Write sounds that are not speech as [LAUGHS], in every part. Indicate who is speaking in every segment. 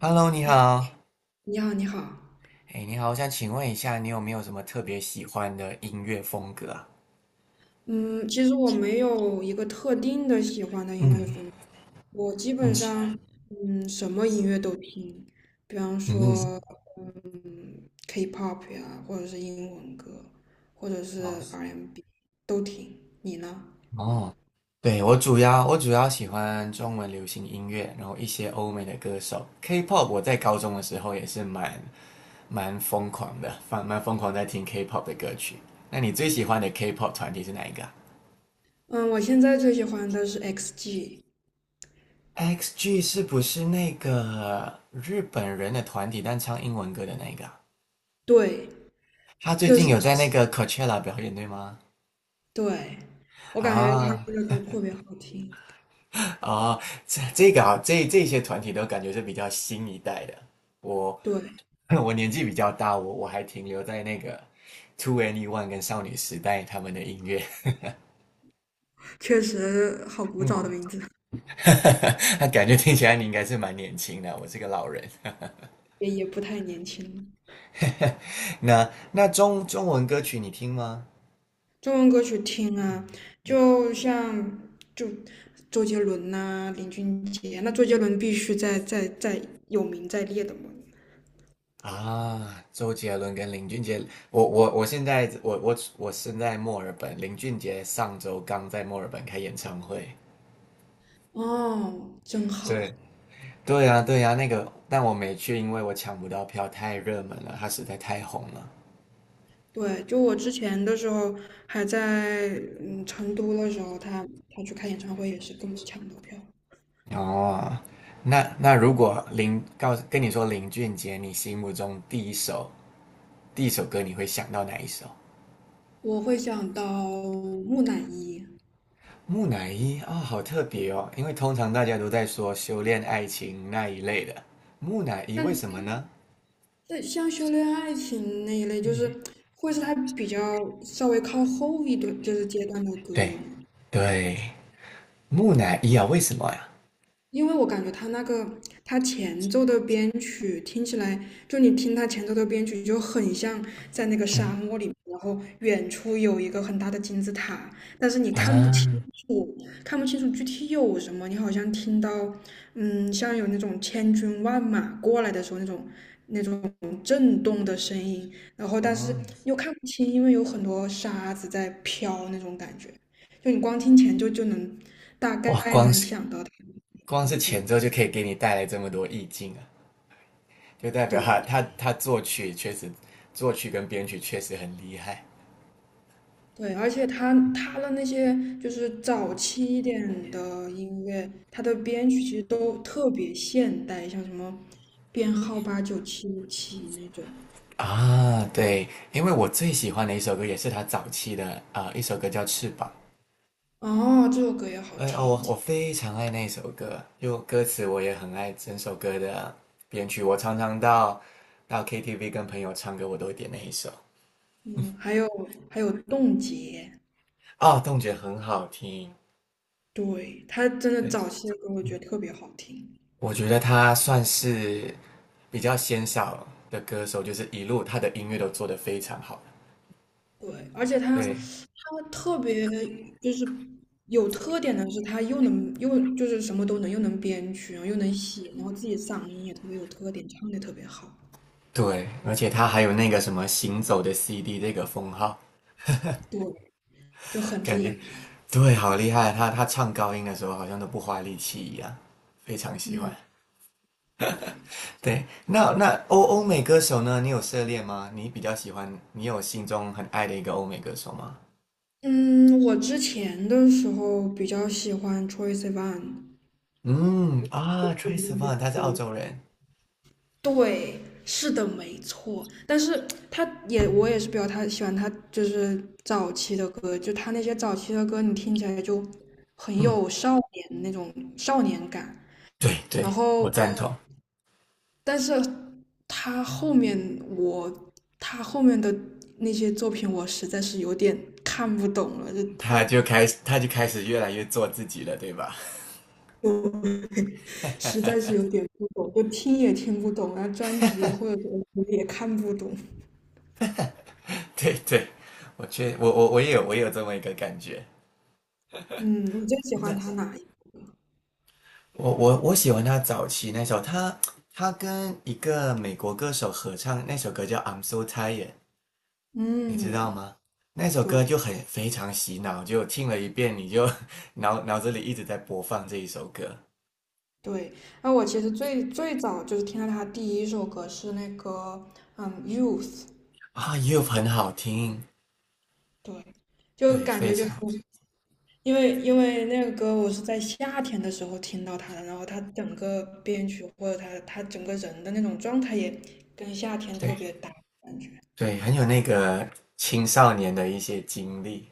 Speaker 1: Hello，你
Speaker 2: 你
Speaker 1: 好。
Speaker 2: 你好，你好。
Speaker 1: 哎，你好，我想请问一下，你有没有什么特别喜欢的音乐风格啊？
Speaker 2: 嗯，其实我没有一个特定的喜欢的音乐
Speaker 1: 嗯
Speaker 2: 风格，我基本
Speaker 1: 嗯
Speaker 2: 上什么音乐都听，比方说
Speaker 1: 嗯，
Speaker 2: K-pop 呀，或者是英文歌，或者
Speaker 1: 哦
Speaker 2: 是 R&B 都听。你呢？
Speaker 1: 哦，对，我主要喜欢中文流行音乐，然后一些欧美的歌手，K-pop。我在高中的时候也是蛮疯狂的，蛮疯狂在听 K-pop 的歌曲。那你最喜欢的 K-pop 团体是哪一个啊？
Speaker 2: 嗯，我现在最喜欢的是 XG，
Speaker 1: x g 是不是那个日本人的团体，但唱英文歌的那一个啊？
Speaker 2: 对，
Speaker 1: 他最
Speaker 2: 就
Speaker 1: 近
Speaker 2: 是
Speaker 1: 有在那个 Coachella 表演，对吗？
Speaker 2: 对，我感觉
Speaker 1: 啊
Speaker 2: 他们的歌特别好听，
Speaker 1: 啊，这个啊，这些团体都感觉是比较新一代的。我
Speaker 2: 对，
Speaker 1: [LAUGHS] 我年纪比较大，我还停留在那个 Two Any One 跟少女时代他们的音乐。
Speaker 2: 确实好古早
Speaker 1: 嗯，
Speaker 2: 的名字，
Speaker 1: [LAUGHS] 那感觉听起来你应该是蛮年轻的，我是个老人。
Speaker 2: 也不太年轻了。
Speaker 1: [LAUGHS] 那中文歌曲你听吗？
Speaker 2: 中文歌曲听啊，
Speaker 1: 你。
Speaker 2: 就像就周杰伦呐、林俊杰，那周杰伦必须在有名在列的嘛。
Speaker 1: 啊，周杰伦跟林俊杰，我现在我身在墨尔本，林俊杰上周刚在墨尔本开演唱会。
Speaker 2: 哦，真好。
Speaker 1: 对对呀对呀，那个但我没去，因为我抢不到票，太热门了，他实在太红了。
Speaker 2: 对，就我之前的时候还在成都的时候，他去开演唱会也是跟我抢到票。
Speaker 1: 哦，那如果林告诉跟你说林俊杰，你心目中第一首歌你会想到哪一首？
Speaker 2: 我会想到木乃伊，
Speaker 1: 木乃伊啊，哦好特别哦，因为通常大家都在说修炼爱情那一类的，木乃伊为什么
Speaker 2: 但
Speaker 1: 呢？
Speaker 2: 但像修炼爱情那一类，就是会是他比较稍微靠后一段就是阶段的歌
Speaker 1: 对
Speaker 2: 了嘛。
Speaker 1: 对，木乃伊啊，为什么呀？
Speaker 2: 因为我感觉他那个他前奏的编曲听起来，就你听他前奏的编曲就很像在那个沙漠里面，然后远处有一个很大的金字塔，但是你看不
Speaker 1: 啊，
Speaker 2: 清楚，看不清楚具体有什么，你好像听到，像有那种千军万马过来的时候那种震动的声音，然后但是
Speaker 1: 哦，
Speaker 2: 又看不清，因为有很多沙子在飘那种感觉，就你光听前奏就能大
Speaker 1: 哇，
Speaker 2: 概
Speaker 1: 光
Speaker 2: 能
Speaker 1: 是
Speaker 2: 想到它的
Speaker 1: 光是
Speaker 2: 场
Speaker 1: 前
Speaker 2: 景。
Speaker 1: 奏就可以给你带来这么多意境啊，就代表他
Speaker 2: 对
Speaker 1: 他他作曲确实，作曲跟编曲确实很厉害
Speaker 2: 对，而且他的那些就是早期一点的音乐，他的编曲其实都特别现代，像什么编号89757那种。
Speaker 1: 啊。对，因为我最喜欢的一首歌也是他早期的啊一首歌叫《翅膀》。
Speaker 2: 哦，这首歌也好
Speaker 1: 哎哦，我
Speaker 2: 听。
Speaker 1: 我非常爱那首歌，就歌词我也很爱整首歌的编曲。我常常到 KTV 跟朋友唱歌，我都会点那一首。
Speaker 2: 嗯，还有还有冻结，
Speaker 1: 啊，动觉很好听。
Speaker 2: 对，他真的
Speaker 1: 对，
Speaker 2: 早期的歌我觉得特别好听。
Speaker 1: 我觉得他算是比较鲜少的歌手，就是一路他的音乐都做得非常好。
Speaker 2: 对，而且他，
Speaker 1: 对
Speaker 2: 他特别就是有特点的是，他又能就是什么都能，又能编曲，然后又能写，然后自己嗓音也特别有特点，唱的特别好，
Speaker 1: 对，而且他还有那个什么“行走的 CD” 这个封号，
Speaker 2: 对，就很
Speaker 1: 感
Speaker 2: 厉
Speaker 1: 觉
Speaker 2: 害。
Speaker 1: [LAUGHS] 对，好厉害。他唱高音的时候好像都不花力气一样，非常喜欢。
Speaker 2: 嗯，对，
Speaker 1: 对，那欧美歌手呢？你有涉猎吗？你比较喜欢，你有心中很爱的一个欧美歌手吗？
Speaker 2: 嗯，我之前的时候比较喜欢 Troye Sivan，
Speaker 1: 嗯啊，Trace Van，他是澳洲人。
Speaker 2: 对，是的，没错。但是他也，我也是比较他喜欢他就是早期的歌，就他那些早期的歌，你听起来就很
Speaker 1: 嗯，
Speaker 2: 有少年那种少年感。
Speaker 1: 对
Speaker 2: 然
Speaker 1: 对，我
Speaker 2: 后，
Speaker 1: 赞同。
Speaker 2: 但是他后面我他后面的那些作品，我实在是有点看不懂了，就他
Speaker 1: 他就开始越来越做自己了，对吧？
Speaker 2: 我 [LAUGHS] 实在是有点不懂，就听也听不懂，然后专辑或者什么也看不懂。
Speaker 1: [LAUGHS] 对对，我确我我我也有我也有这么一个感觉。
Speaker 2: 嗯，你最喜欢他
Speaker 1: 那
Speaker 2: 哪一？
Speaker 1: 我喜欢他早期那首，他跟一个美国歌手合唱那首歌叫《I'm So Tired》，你知道
Speaker 2: 嗯，
Speaker 1: 吗？那首歌
Speaker 2: 对
Speaker 1: 就很非常洗脑，就听了一遍你就 [LAUGHS] 脑子里一直在播放这一首歌
Speaker 2: 对，那我其实最早就是听到他第一首歌是那个《Youth》，
Speaker 1: 啊，又很好听。
Speaker 2: 对，就
Speaker 1: 对，
Speaker 2: 感
Speaker 1: 非
Speaker 2: 觉就是
Speaker 1: 常。
Speaker 2: 因为那个歌我是在夏天的时候听到他的，然后他整个编曲或者他整个人的那种状态也跟夏天特
Speaker 1: 对
Speaker 2: 别搭感觉，
Speaker 1: 对，很有那个青少年的一些经历，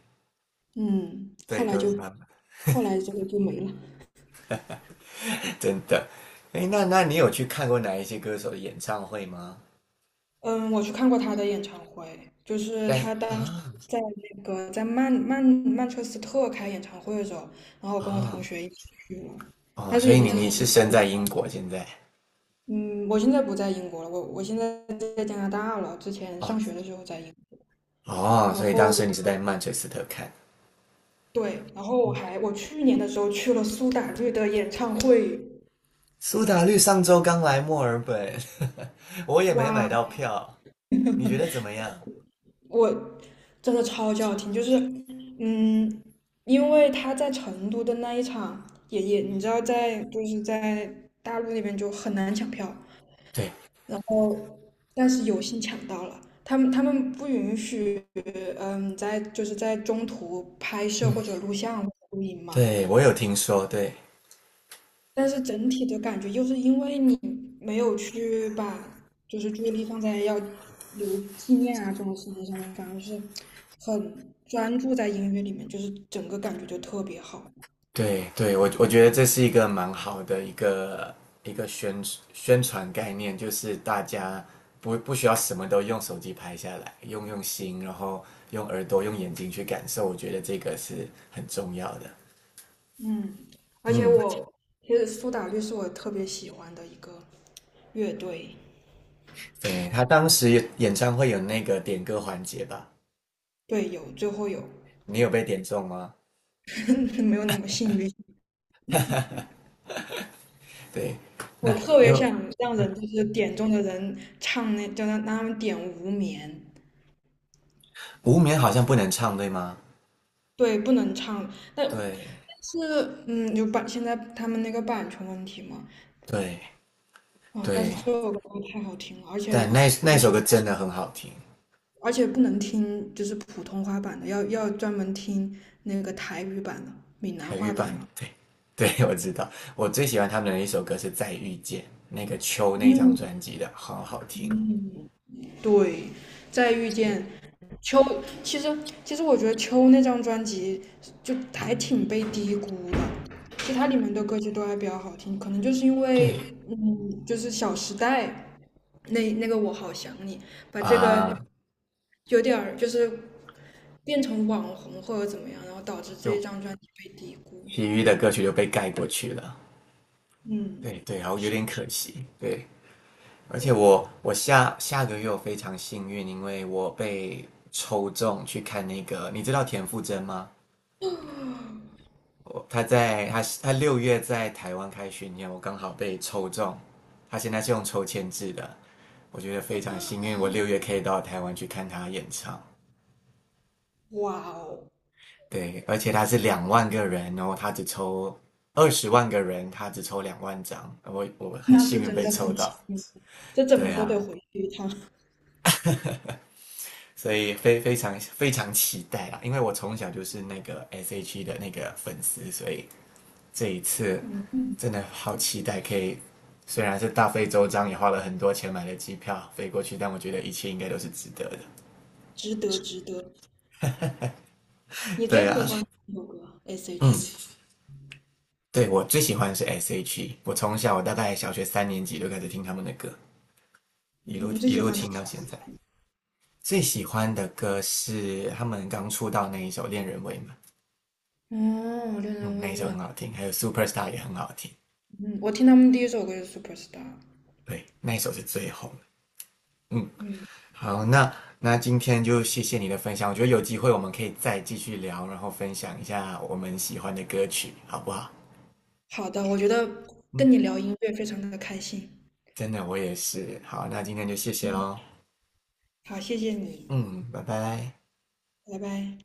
Speaker 2: 嗯，后
Speaker 1: 对，
Speaker 2: 来
Speaker 1: 都
Speaker 2: 就
Speaker 1: 蛮
Speaker 2: 后来这个就没了。
Speaker 1: 真的。哎，那你有去看过哪一些歌手的演唱会吗？
Speaker 2: 嗯，我去看过他的演唱会，就是
Speaker 1: 对
Speaker 2: 他当时
Speaker 1: 啊
Speaker 2: 在那个在曼彻斯特开演唱会的时候，然后我跟我
Speaker 1: 啊
Speaker 2: 同学一起去了，
Speaker 1: 哦，
Speaker 2: 但
Speaker 1: 所
Speaker 2: 是已
Speaker 1: 以
Speaker 2: 经
Speaker 1: 你
Speaker 2: 是很
Speaker 1: 你是
Speaker 2: 早
Speaker 1: 身
Speaker 2: 以
Speaker 1: 在英国现在？
Speaker 2: 嗯，我现在不在英国了，我现在在加拿大了，之前
Speaker 1: 哦，
Speaker 2: 上学的时候在英
Speaker 1: 哦，
Speaker 2: 然
Speaker 1: 所以当
Speaker 2: 后
Speaker 1: 时你是在曼彻斯特看。嗯
Speaker 2: 对，然后我去年的时候去了苏打绿的演唱会，
Speaker 1: 苏打绿上周刚来墨尔本，[LAUGHS] 我也没买
Speaker 2: 哇，
Speaker 1: 到票，你觉得怎么样？
Speaker 2: 我真的超级好听，就是嗯，因为他在成都的那一场也也，你知道就是在大陆那边就很难抢票，
Speaker 1: 对，
Speaker 2: 哦，但是有幸抢到了。他们不允许，在就是在中途拍摄
Speaker 1: 嗯，
Speaker 2: 或者录像或者录音嘛，
Speaker 1: 对我有听说，对，
Speaker 2: 但是整体的感觉就是因为你没有去把就是注意力放在要留纪念啊这种事情上面，反而是很专注在音乐里面，就是整个感觉就特别好。
Speaker 1: 对对，我觉得这是一个蛮好的一个一个宣宣传概念，就是大家不需要什么都用手机拍下来，用心，然后用耳朵、用眼睛去感受，我觉得这个是很重要的。
Speaker 2: 嗯，而且
Speaker 1: 嗯，
Speaker 2: 我其实苏打绿是我特别喜欢的一个乐队，
Speaker 1: 对，他当时有演唱会有那个点歌环节吧？
Speaker 2: 对，有最后有，
Speaker 1: 你有被点中吗？
Speaker 2: [LAUGHS] 没有那么幸运。
Speaker 1: 对，
Speaker 2: 我
Speaker 1: 那
Speaker 2: 特
Speaker 1: 因
Speaker 2: 别
Speaker 1: 为
Speaker 2: 想让人就是点中的人唱那，叫他让他们点无眠。
Speaker 1: 无眠好像不能唱，对吗？
Speaker 2: 对，不能唱。但。
Speaker 1: 对
Speaker 2: 是，有版，现在他们那个版权问题嘛，
Speaker 1: 对
Speaker 2: 啊，但是
Speaker 1: 对，
Speaker 2: 这首歌太好听了，而且，
Speaker 1: 但那
Speaker 2: 而且，
Speaker 1: 首歌真的很好听。
Speaker 2: 而且不能听就是普通话版的，要专门听那个台语版的、闽南
Speaker 1: 海芋
Speaker 2: 话版
Speaker 1: 棒，
Speaker 2: 的。
Speaker 1: 对 [LAUGHS] 对，我知道。我最喜欢他们的一首歌是《再遇见》，那个秋那张
Speaker 2: 嗯，
Speaker 1: 专辑的，好好听。
Speaker 2: 对，再遇见秋，其实其实我觉得秋那张专辑就还挺被低估的，其他里面的歌曲都还比较好听，可能就是因
Speaker 1: 对
Speaker 2: 为，就是《小时代》那个我好想你，把这个
Speaker 1: 啊，
Speaker 2: 有点儿就是变成网红或者怎么样，然后导致这一
Speaker 1: 就
Speaker 2: 张专辑被低估。
Speaker 1: 其余的歌曲就被盖过去了。
Speaker 2: 嗯，
Speaker 1: 对对，然后有点可惜。对，而且我下下个月我非常幸运，因为我被抽中去看那个，你知道田馥甄吗？我他在他他六月在台湾开巡演，我刚好被抽中。他现在是用抽签制的，我觉得非常幸运，我六月可以到台湾去看他演唱。
Speaker 2: 哇哦，
Speaker 1: 对，而且他是两万个人哦，然后他只抽20万个人，他只抽两万张，我很
Speaker 2: 那
Speaker 1: 幸
Speaker 2: 是
Speaker 1: 运
Speaker 2: 真
Speaker 1: 被
Speaker 2: 的
Speaker 1: 抽
Speaker 2: 很
Speaker 1: 到。
Speaker 2: 幸运，这怎
Speaker 1: 对
Speaker 2: 么都得
Speaker 1: 啊，
Speaker 2: 回去一趟。
Speaker 1: 所以非常非常期待啦，因为我从小就是那个 S.H.E 的那个粉丝，所以这一次
Speaker 2: 嗯，
Speaker 1: 真的好期待，可以虽然是大费周章，也花了很多钱买了机票飞过去，但我觉得一切应该都是值得的。
Speaker 2: 值得，值得。你
Speaker 1: 对
Speaker 2: 最喜
Speaker 1: 啊，
Speaker 2: 欢哪首歌
Speaker 1: 嗯，
Speaker 2: ？S.H.E。
Speaker 1: 对我最喜欢的是 S.H.E，我从小我大概小学三年级就开始听他们的歌，一
Speaker 2: 嗯，
Speaker 1: 路
Speaker 2: 你最
Speaker 1: 一
Speaker 2: 喜
Speaker 1: 路
Speaker 2: 欢他
Speaker 1: 听
Speaker 2: 们
Speaker 1: 到
Speaker 2: 哪
Speaker 1: 现
Speaker 2: 一
Speaker 1: 在。
Speaker 2: 首？
Speaker 1: 最喜欢的歌是他们刚出道那一首《恋人未满》，
Speaker 2: 哦，恋
Speaker 1: 嗯，
Speaker 2: 人
Speaker 1: 那
Speaker 2: 未
Speaker 1: 一首很
Speaker 2: 满。
Speaker 1: 好听，还有《Superstar》也很好听，
Speaker 2: 嗯，我听他们第一首歌就是《Superstar》。
Speaker 1: 对，那一首是最红的。嗯，
Speaker 2: 嗯，
Speaker 1: 好，那今天就谢谢你的分享，我觉得有机会我们可以再继续聊，然后分享一下我们喜欢的歌曲，好不好？
Speaker 2: 好的，我觉得
Speaker 1: 嗯，
Speaker 2: 跟你聊音乐非常的开心。
Speaker 1: 真的我也是。好，那今天就谢谢喽。
Speaker 2: 好，谢谢你，
Speaker 1: 嗯，拜拜。
Speaker 2: 拜拜。